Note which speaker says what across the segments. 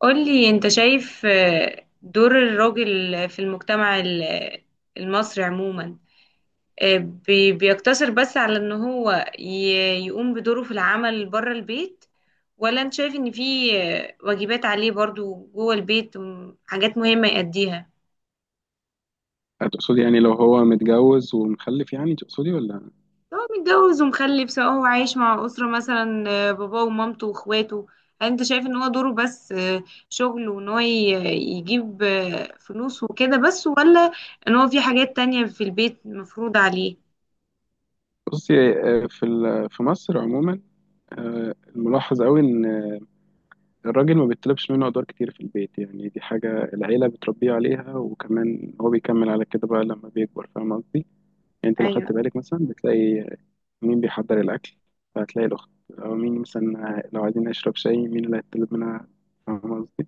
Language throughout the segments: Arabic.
Speaker 1: قولي انت شايف دور الراجل في المجتمع المصري عموما بيقتصر بس على ان هو يقوم بدوره في العمل بره البيت، ولا انت شايف ان في واجبات عليه برضو جوه البيت حاجات مهمة يأديها؟
Speaker 2: هتقصدي يعني لو هو متجوز ومخلف يعني تقصدي ولا؟
Speaker 1: هو متجوز ومخلف، سواء هو عايش مع أسرة مثلا باباه ومامته واخواته. هل انت شايف ان هو دوره بس شغل وان هو يجيب فلوس وكده بس، ولا ان هو في حاجات تانية في البيت مفروض عليه؟
Speaker 2: بصي في في مصر عموما. الملاحظ قوي ان الراجل ما بيطلبش منه ادوار كتير في البيت، يعني دي حاجه العيله بتربيه عليها، وكمان هو بيكمل على كده بقى لما بيكبر. فاهم قصدي؟ يعني انت لو
Speaker 1: ايوه.
Speaker 2: خدت بالك مثلا بتلاقي مين بيحضر الاكل، فهتلاقي الاخت. او مين مثلا لو عايزين نشرب شاي مين اللي هيطلب منها؟ فاهم قصدي؟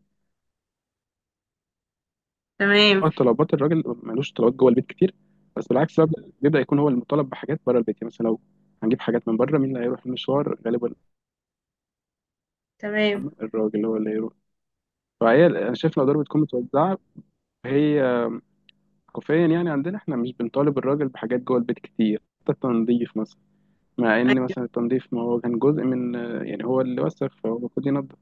Speaker 1: تمام.
Speaker 2: طلبات الراجل، ملوش طلبات جوه البيت كتير. بس بالعكس بقى، بيبدأ يكون هو المطالب بحاجات بره البيت. يعني مثلا لو هنجيب حاجات من بره مين اللي هيروح المشوار غالبا؟
Speaker 1: تمام.
Speaker 2: الراجل هو اللي هيروح. فهي انا شايف الادوار بتكون متوزعه، هي كوفيا يعني. عندنا احنا مش بنطالب الراجل بحاجات جوه البيت كتير، حتى التنظيف مثلا. مع ان
Speaker 1: أيوه.
Speaker 2: مثلا التنظيف، ما هو كان جزء من، يعني هو اللي وسخ فهو المفروض ينظف.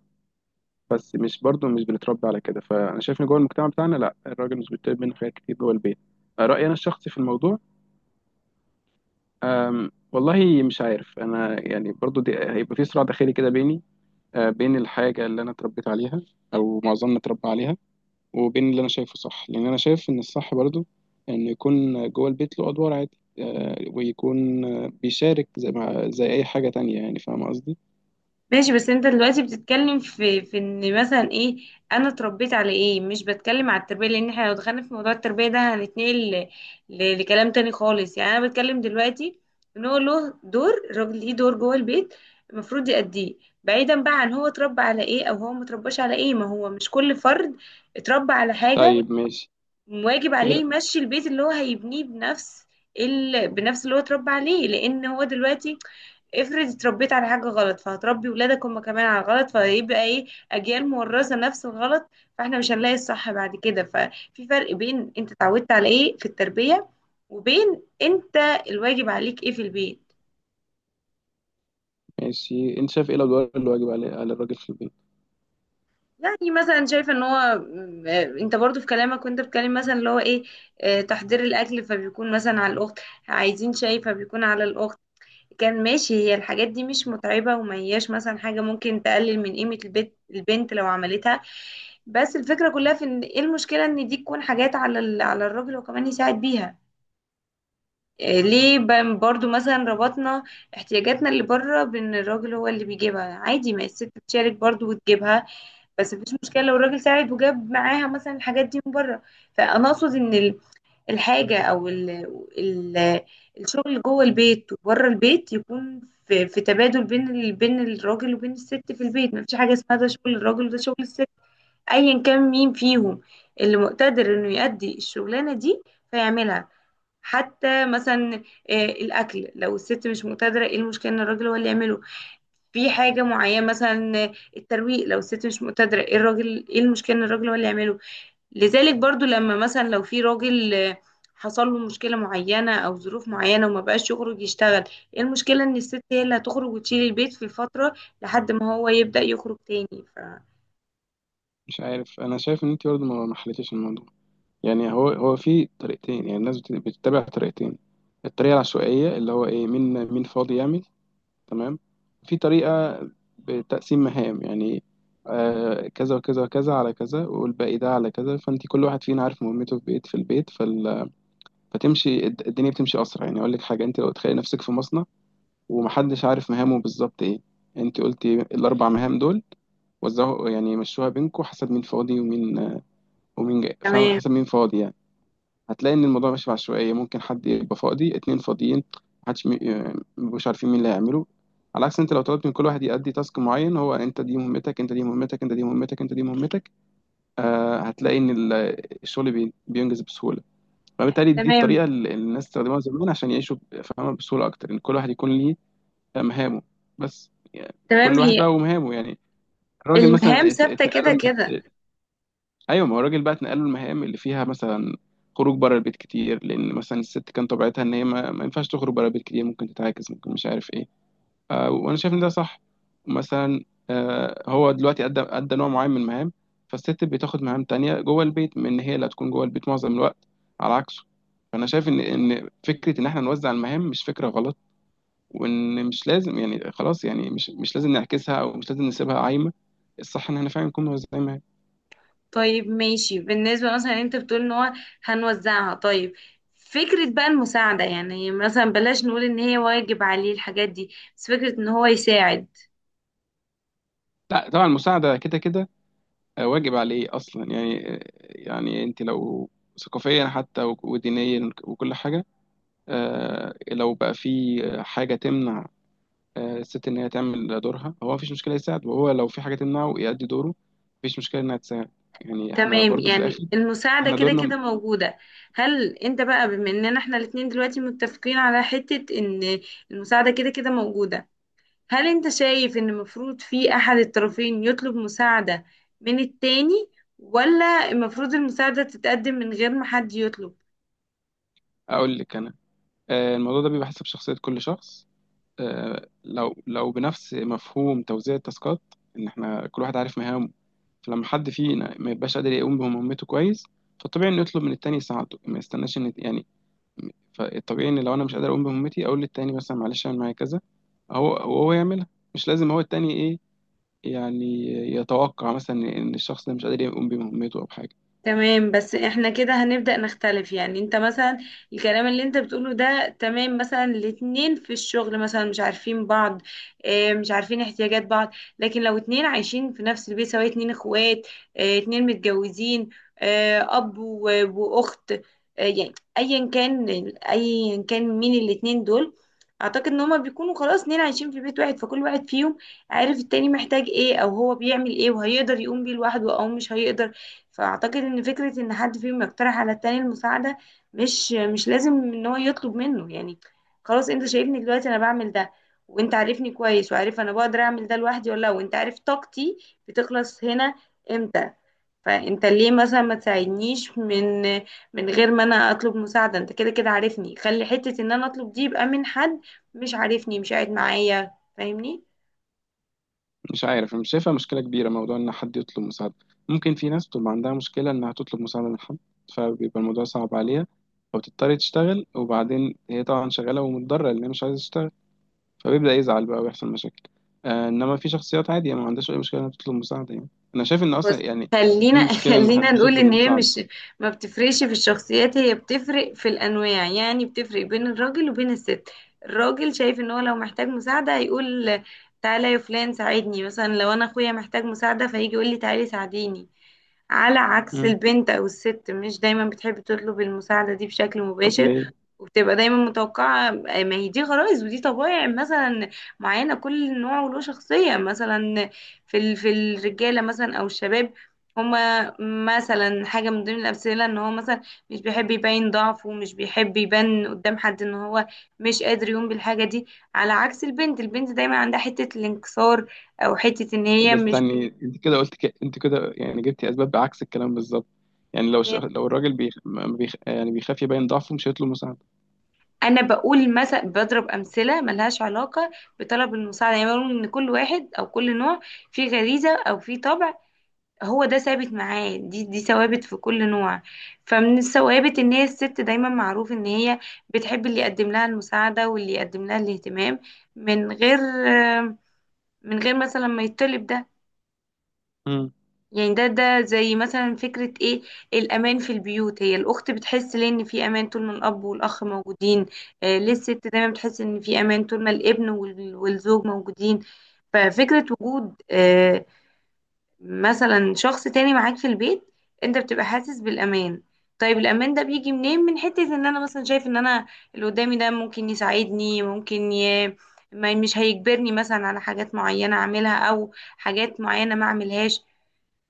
Speaker 2: بس مش برضه، مش بنتربى على كده. فانا شايف ان جوه المجتمع بتاعنا لا، الراجل مش بيطلب منه حاجات كتير جوه البيت. رأيي انا الشخصي في الموضوع. والله مش عارف انا، يعني برضو دي هيبقى في صراع داخلي كده بيني، بين الحاجه اللي انا اتربيت عليها، او معظمنا اتربى عليها، وبين اللي انا شايفه صح. لان انا شايف ان الصح برضو ان يكون جوه البيت له ادوار عادي، أه، ويكون أه، بيشارك زي ما زي اي حاجه تانية يعني. فاهم قصدي؟
Speaker 1: ماشي، بس انت دلوقتي بتتكلم في ان مثلا ايه، انا اتربيت على ايه. مش بتكلم على التربيه، لان احنا لو دخلنا في موضوع التربيه ده هنتنقل لكلام تاني خالص. يعني انا بتكلم دلوقتي ان هو له دور، الراجل ليه دور جوه البيت المفروض يأديه، بعيدا بقى عن هو اتربى على ايه او هو مترباش على ايه. ما هو مش كل فرد اتربى على حاجه
Speaker 2: طيب ماشي.
Speaker 1: واجب
Speaker 2: ايه،
Speaker 1: عليه
Speaker 2: لا.
Speaker 1: يمشي البيت اللي هو هيبنيه بنفس بنفس اللي هو اتربى عليه، لان هو دلوقتي افرض اتربيت على حاجة غلط فهتربي ولادك هم كمان على غلط، فهيبقى ايه، اجيال مورثة نفس الغلط، فاحنا مش هنلاقي الصح بعد كده. ففي فرق بين انت اتعودت على ايه في التربية وبين انت الواجب عليك ايه في البيت.
Speaker 2: ماشي، انت شايف ايه الادوار اللي واجب على على الراجل في البيت؟
Speaker 1: يعني مثلا شايفه ان هو انت برضو في كلامك وانت بتكلم مثلا اللي هو ايه، تحضير الاكل فبيكون مثلا على الاخت، عايزين شاي فبيكون على الاخت. كان ماشي، هي الحاجات دي مش متعبة وما هياش مثلا حاجة ممكن تقلل من قيمة البيت البنت لو عملتها. بس الفكرة كلها في ان ايه المشكلة ان دي تكون حاجات على على الراجل وكمان يساعد بيها. إيه ليه برضو مثلا ربطنا احتياجاتنا اللي بره بان الراجل هو اللي بيجيبها؟ عادي ما الست تشارك برضو وتجيبها، بس مفيش مشكلة لو الراجل ساعد وجاب معاها مثلا الحاجات دي من بره. فانا اقصد ان الحاجة أو ال ال الشغل جوه البيت وبره البيت يكون في تبادل بين بين الراجل وبين الست في البيت. ما فيش حاجة اسمها ده شغل الراجل وده شغل الست، أيا كان مين فيهم اللي مقتدر إنه يأدي الشغلانة دي فيعملها. حتى مثلا الأكل، لو الست مش مقتدرة إيه المشكلة إن الراجل هو اللي يعمله؟ في حاجة معينة مثلا الترويق، لو الست مش مقتدرة إيه الراجل إيه المشكلة إن الراجل هو اللي يعمله؟ لذلك برضو لما مثلا لو في راجل حصل له مشكلة معينة أو ظروف معينة وما بقاش يخرج يشتغل، ايه المشكلة إن الست هي اللي هتخرج وتشيل البيت في الفترة لحد ما هو يبدأ يخرج تاني
Speaker 2: مش عارف، انا شايف ان انت برضو ما حليتيش الموضوع. يعني هو هو في طريقتين، يعني الناس بتتبع طريقتين. الطريقة العشوائية، اللي هو ايه، مين مين فاضي يعمل. تمام. في طريقة بتقسيم مهام، يعني آه كذا وكذا وكذا على كذا والباقي ده على كذا. فانت كل واحد فينا عارف مهمته في بيت في البيت، فتمشي الدنيا، بتمشي اسرع. يعني اقول لك حاجة، انت لو تخيلي نفسك في مصنع، ومحدش عارف مهامه بالظبط ايه. انت قلتي الاربع مهام دول وزعوا، يعني مشوها بينكم حسب مين فاضي ومين، ومين جاي. فاهم؟
Speaker 1: تمام.
Speaker 2: حسب مين فاضي يعني. هتلاقي ان الموضوع ماشي بعشوائيه، ممكن حد يبقى فاضي، اتنين فاضيين، محدش مبقوش عارفين مين اللي هيعمله. على عكس انت لو طلبت من كل واحد يأدي تاسك معين، هو انت دي مهمتك، انت دي مهمتك، انت دي مهمتك، انت دي مهمتك، آه هتلاقي ان الشغل بينجز بسهوله. فبالتالي دي
Speaker 1: تمام.
Speaker 2: الطريقه اللي الناس استخدموها زمان عشان يعيشوا فاهمه، بسهوله اكتر، ان كل واحد يكون ليه مهامه. بس يعني
Speaker 1: تمام.
Speaker 2: كل واحد
Speaker 1: هي
Speaker 2: بقى ومهامه يعني. الراجل
Speaker 1: المهام
Speaker 2: مثلا
Speaker 1: ثابتة
Speaker 2: اتنقل
Speaker 1: كده كده.
Speaker 2: له. ايوه، ما هو الراجل بقى اتنقل له المهام اللي فيها مثلا خروج بره البيت كتير، لان مثلا الست كان طبيعتها ان هي ما ينفعش تخرج بره البيت كتير، ممكن تتعاكس، ممكن مش عارف ايه. آه، وانا شايف ان ده صح. مثلا آه هو دلوقتي ادى نوع معين من المهام، فالست بتاخد مهام تانية جوه البيت من ان هي اللي هتكون جوه البيت معظم الوقت، على عكسه. فانا شايف ان فكره ان احنا نوزع المهام مش فكره غلط، وان مش لازم يعني خلاص، يعني مش لازم نعكسها او مش لازم نسيبها عايمه. الصح ان احنا فعلا نكون موزعين مهام.
Speaker 1: طيب ماشي، بالنسبة مثلا انت بتقول ان هو هنوزعها. طيب فكرة بقى المساعدة، يعني مثلا بلاش نقول ان هي واجب عليه الحاجات دي، بس فكرة ان هو يساعد.
Speaker 2: لا طبعا، المساعده كده كده واجب عليه اصلا يعني. يعني انت لو ثقافيا حتى ودينيا وكل حاجه، لو بقى في حاجه تمنع الست ان هي تعمل دورها هو، مفيش مشكله يساعد. وهو لو في حاجه تمنعه يأدي دوره، مفيش مشكله انها تساعد. يعني احنا
Speaker 1: تمام،
Speaker 2: برضو في
Speaker 1: يعني
Speaker 2: الاخر
Speaker 1: المساعدة
Speaker 2: احنا
Speaker 1: كده
Speaker 2: دورنا.
Speaker 1: كده موجودة. هل انت بقى، بما اننا احنا الاتنين دلوقتي متفقين على حتة ان المساعدة كده كده موجودة، هل انت شايف ان المفروض في احد الطرفين يطلب مساعدة من التاني، ولا المفروض المساعدة تتقدم من غير ما حد يطلب؟
Speaker 2: اقول لك انا، الموضوع ده بيبقى حسب شخصيه كل شخص. لو بنفس مفهوم توزيع التاسكات، ان احنا كل واحد عارف مهامه، فلما حد فينا ما يبقاش قادر يقوم بمهمته كويس، فالطبيعي انه يطلب من التاني يساعده، ما يستناش ان يعني. فالطبيعي ان لو انا مش قادر اقوم بمهمتي اقول للتاني مثلا معلش اعمل معايا كذا، وهو يعملها. مش لازم هو التاني ايه، يعني يتوقع مثلا ان الشخص ده مش قادر يقوم بمهمته او بحاجه.
Speaker 1: تمام، بس احنا كده هنبدأ نختلف. يعني انت مثلا الكلام اللي انت بتقوله ده تمام، مثلا الاتنين في الشغل مثلا مش عارفين بعض، اه، مش عارفين احتياجات بعض. لكن لو اتنين عايشين في نفس البيت، سواء اتنين اخوات، اه، اتنين متجوزين، اه، واخت، اه يعني ايا كان، ايا كان مين الاتنين دول، اعتقد ان هما بيكونوا خلاص اتنين عايشين في بيت واحد، فكل واحد فيهم عارف التاني محتاج ايه او هو بيعمل ايه وهيقدر يقوم بيه لوحده او مش هيقدر. فاعتقد ان فكره ان حد فيهم يقترح على التاني المساعده، مش لازم ان هو يطلب منه. يعني خلاص، انت شايفني دلوقتي انا بعمل ده، وانت عارفني كويس وعارف انا بقدر اعمل ده لوحدي ولا لا، وانت عارف طاقتي بتخلص هنا امتى، فانت ليه مثلا ما تساعدنيش من غير ما انا اطلب مساعده؟ انت كده كده عارفني، خلي حته ان انا اطلب دي يبقى من حد مش عارفني، مش قاعد معايا فاهمني.
Speaker 2: مش عارف، أنا مش شايفها مشكله كبيره موضوع ان حد يطلب مساعده. ممكن في ناس بتبقى عندها مشكله انها تطلب مساعده من حد، فبيبقى الموضوع صعب عليها، او تضطر تشتغل وبعدين هي طبعا شغاله ومتضرره لان هي مش عايزه تشتغل، فبيبدأ يزعل بقى ويحصل مشاكل. آه، انما في شخصيات عادي، يعني ما عندهاش اي مشكله انها تطلب مساعده يعني. انا شايف ان
Speaker 1: بص،
Speaker 2: اصلا يعني دي
Speaker 1: خلينا
Speaker 2: مشكله ان حد
Speaker 1: خلينا نقول
Speaker 2: تطلب
Speaker 1: ان هي
Speaker 2: مساعده.
Speaker 1: مش، ما بتفرقش في الشخصيات، هي بتفرق في الانواع، يعني بتفرق بين الراجل وبين الست. الراجل شايف ان هو لو محتاج مساعدة هيقول تعالى يا فلان ساعدني، مثلا لو انا اخويا محتاج مساعدة فهيجي يقول لي تعالي ساعديني. على عكس
Speaker 2: مم.
Speaker 1: البنت أو الست، مش دايما بتحب تطلب المساعدة دي بشكل
Speaker 2: طب
Speaker 1: مباشر،
Speaker 2: ليه؟
Speaker 1: وبتبقى دايما متوقعة. ما هي دي غرائز ودي طبائع مثلا معينة، كل نوع وله شخصية. مثلا في في الرجالة مثلا أو الشباب، هما مثلا حاجة من ضمن الأمثلة إن هو مثلا مش بيحب يبين ضعفه ومش بيحب يبان قدام حد إن هو مش قادر يقوم بالحاجة دي. على عكس البنت، البنت دايما عندها حتة الانكسار أو حتة إن
Speaker 2: طب
Speaker 1: هي مش،
Speaker 2: استني، انت كده قلت انت كده يعني جبتي اسباب بعكس الكلام بالظبط. يعني لو لو الراجل بيخ... ما بيخ... آه، يعني بيخاف يبين ضعفه، مش هيطلب مساعده.
Speaker 1: انا بقول مثلا بضرب امثله ملهاش علاقه بطلب المساعده. يعني بقول ان كل واحد او كل نوع فيه غريزه او فيه طبع، هو ده ثابت معاه، دي ثوابت في كل نوع. فمن الثوابت ان هي الست دايما معروف ان هي بتحب اللي يقدم لها المساعده واللي يقدم لها الاهتمام من غير، من غير مثلا ما يطلب ده.
Speaker 2: مم.
Speaker 1: يعني ده، ده زي مثلا فكرة ايه، الأمان في البيوت. هي الأخت بتحس ليه إن في أمان طول ما الأب والأخ موجودين؟ آه، ليه الست دايما بتحس إن في أمان طول ما الابن والزوج موجودين؟ ففكرة وجود مثلا شخص تاني معاك في البيت، أنت بتبقى حاسس بالأمان. طيب الأمان ده بيجي منين؟ من حتة إن أنا مثلا شايف إن أنا اللي قدامي ده ممكن يساعدني، ممكن ما مش هيجبرني مثلا على حاجات معينة أعملها أو حاجات معينة ما أعملهاش.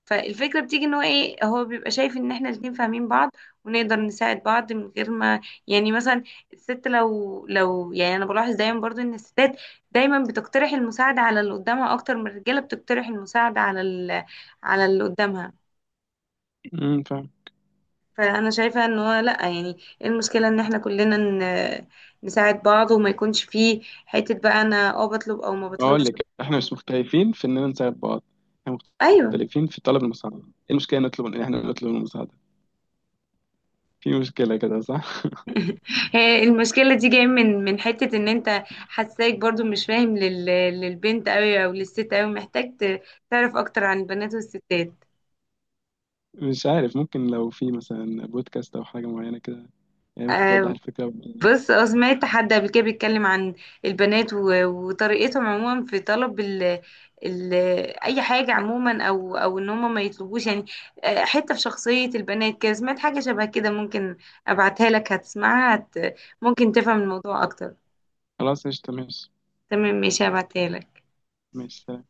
Speaker 1: فالفكرة بتيجي ان هو ايه، هو بيبقى شايف ان احنا الاتنين فاهمين بعض ونقدر نساعد بعض من غير ما، يعني مثلا الست لو يعني انا بلاحظ دايما برضو ان الستات دايما بتقترح المساعدة على اللي قدامها اكتر من الرجالة بتقترح المساعدة على على اللي قدامها.
Speaker 2: مم، فاهم.
Speaker 1: فانا شايفة ان هو لا، يعني ايه المشكلة ان احنا كلنا نساعد بعض وما يكونش فيه حتة بقى انا اه بطلب او ما بطلبش.
Speaker 2: اقول لك، احنا مش مختلفين في اننا نساعد بعض، احنا
Speaker 1: ايوه.
Speaker 2: مختلفين في طلب المساعده. ايه المشكله نطلب ان احنا نطلب المساعده؟ في مشكله كده صح؟
Speaker 1: هي المشكلة دي جاية من حتة ان انت حساك برضو مش فاهم للبنت قوي او للست قوي، محتاج تعرف اكتر عن البنات والستات.
Speaker 2: مش عارف، ممكن لو في مثلا بودكاست او حاجه معينه كده، يعني ممكن توضح
Speaker 1: آه
Speaker 2: الفكره.
Speaker 1: بص، اه، سمعت حد قبل كده بيتكلم عن البنات وطريقتهم عموما في طلب ال... اي حاجة عموما، او او ان هم ما يطلبوش يعني. آه، حتة في شخصية البنات كده سمعت حاجة شبه كده، ممكن ابعتها لك هتسمعها ممكن تفهم الموضوع اكتر.
Speaker 2: خلاص قشطه، ماشي.
Speaker 1: تمام ماشي، هبعتها لك.
Speaker 2: ماشي.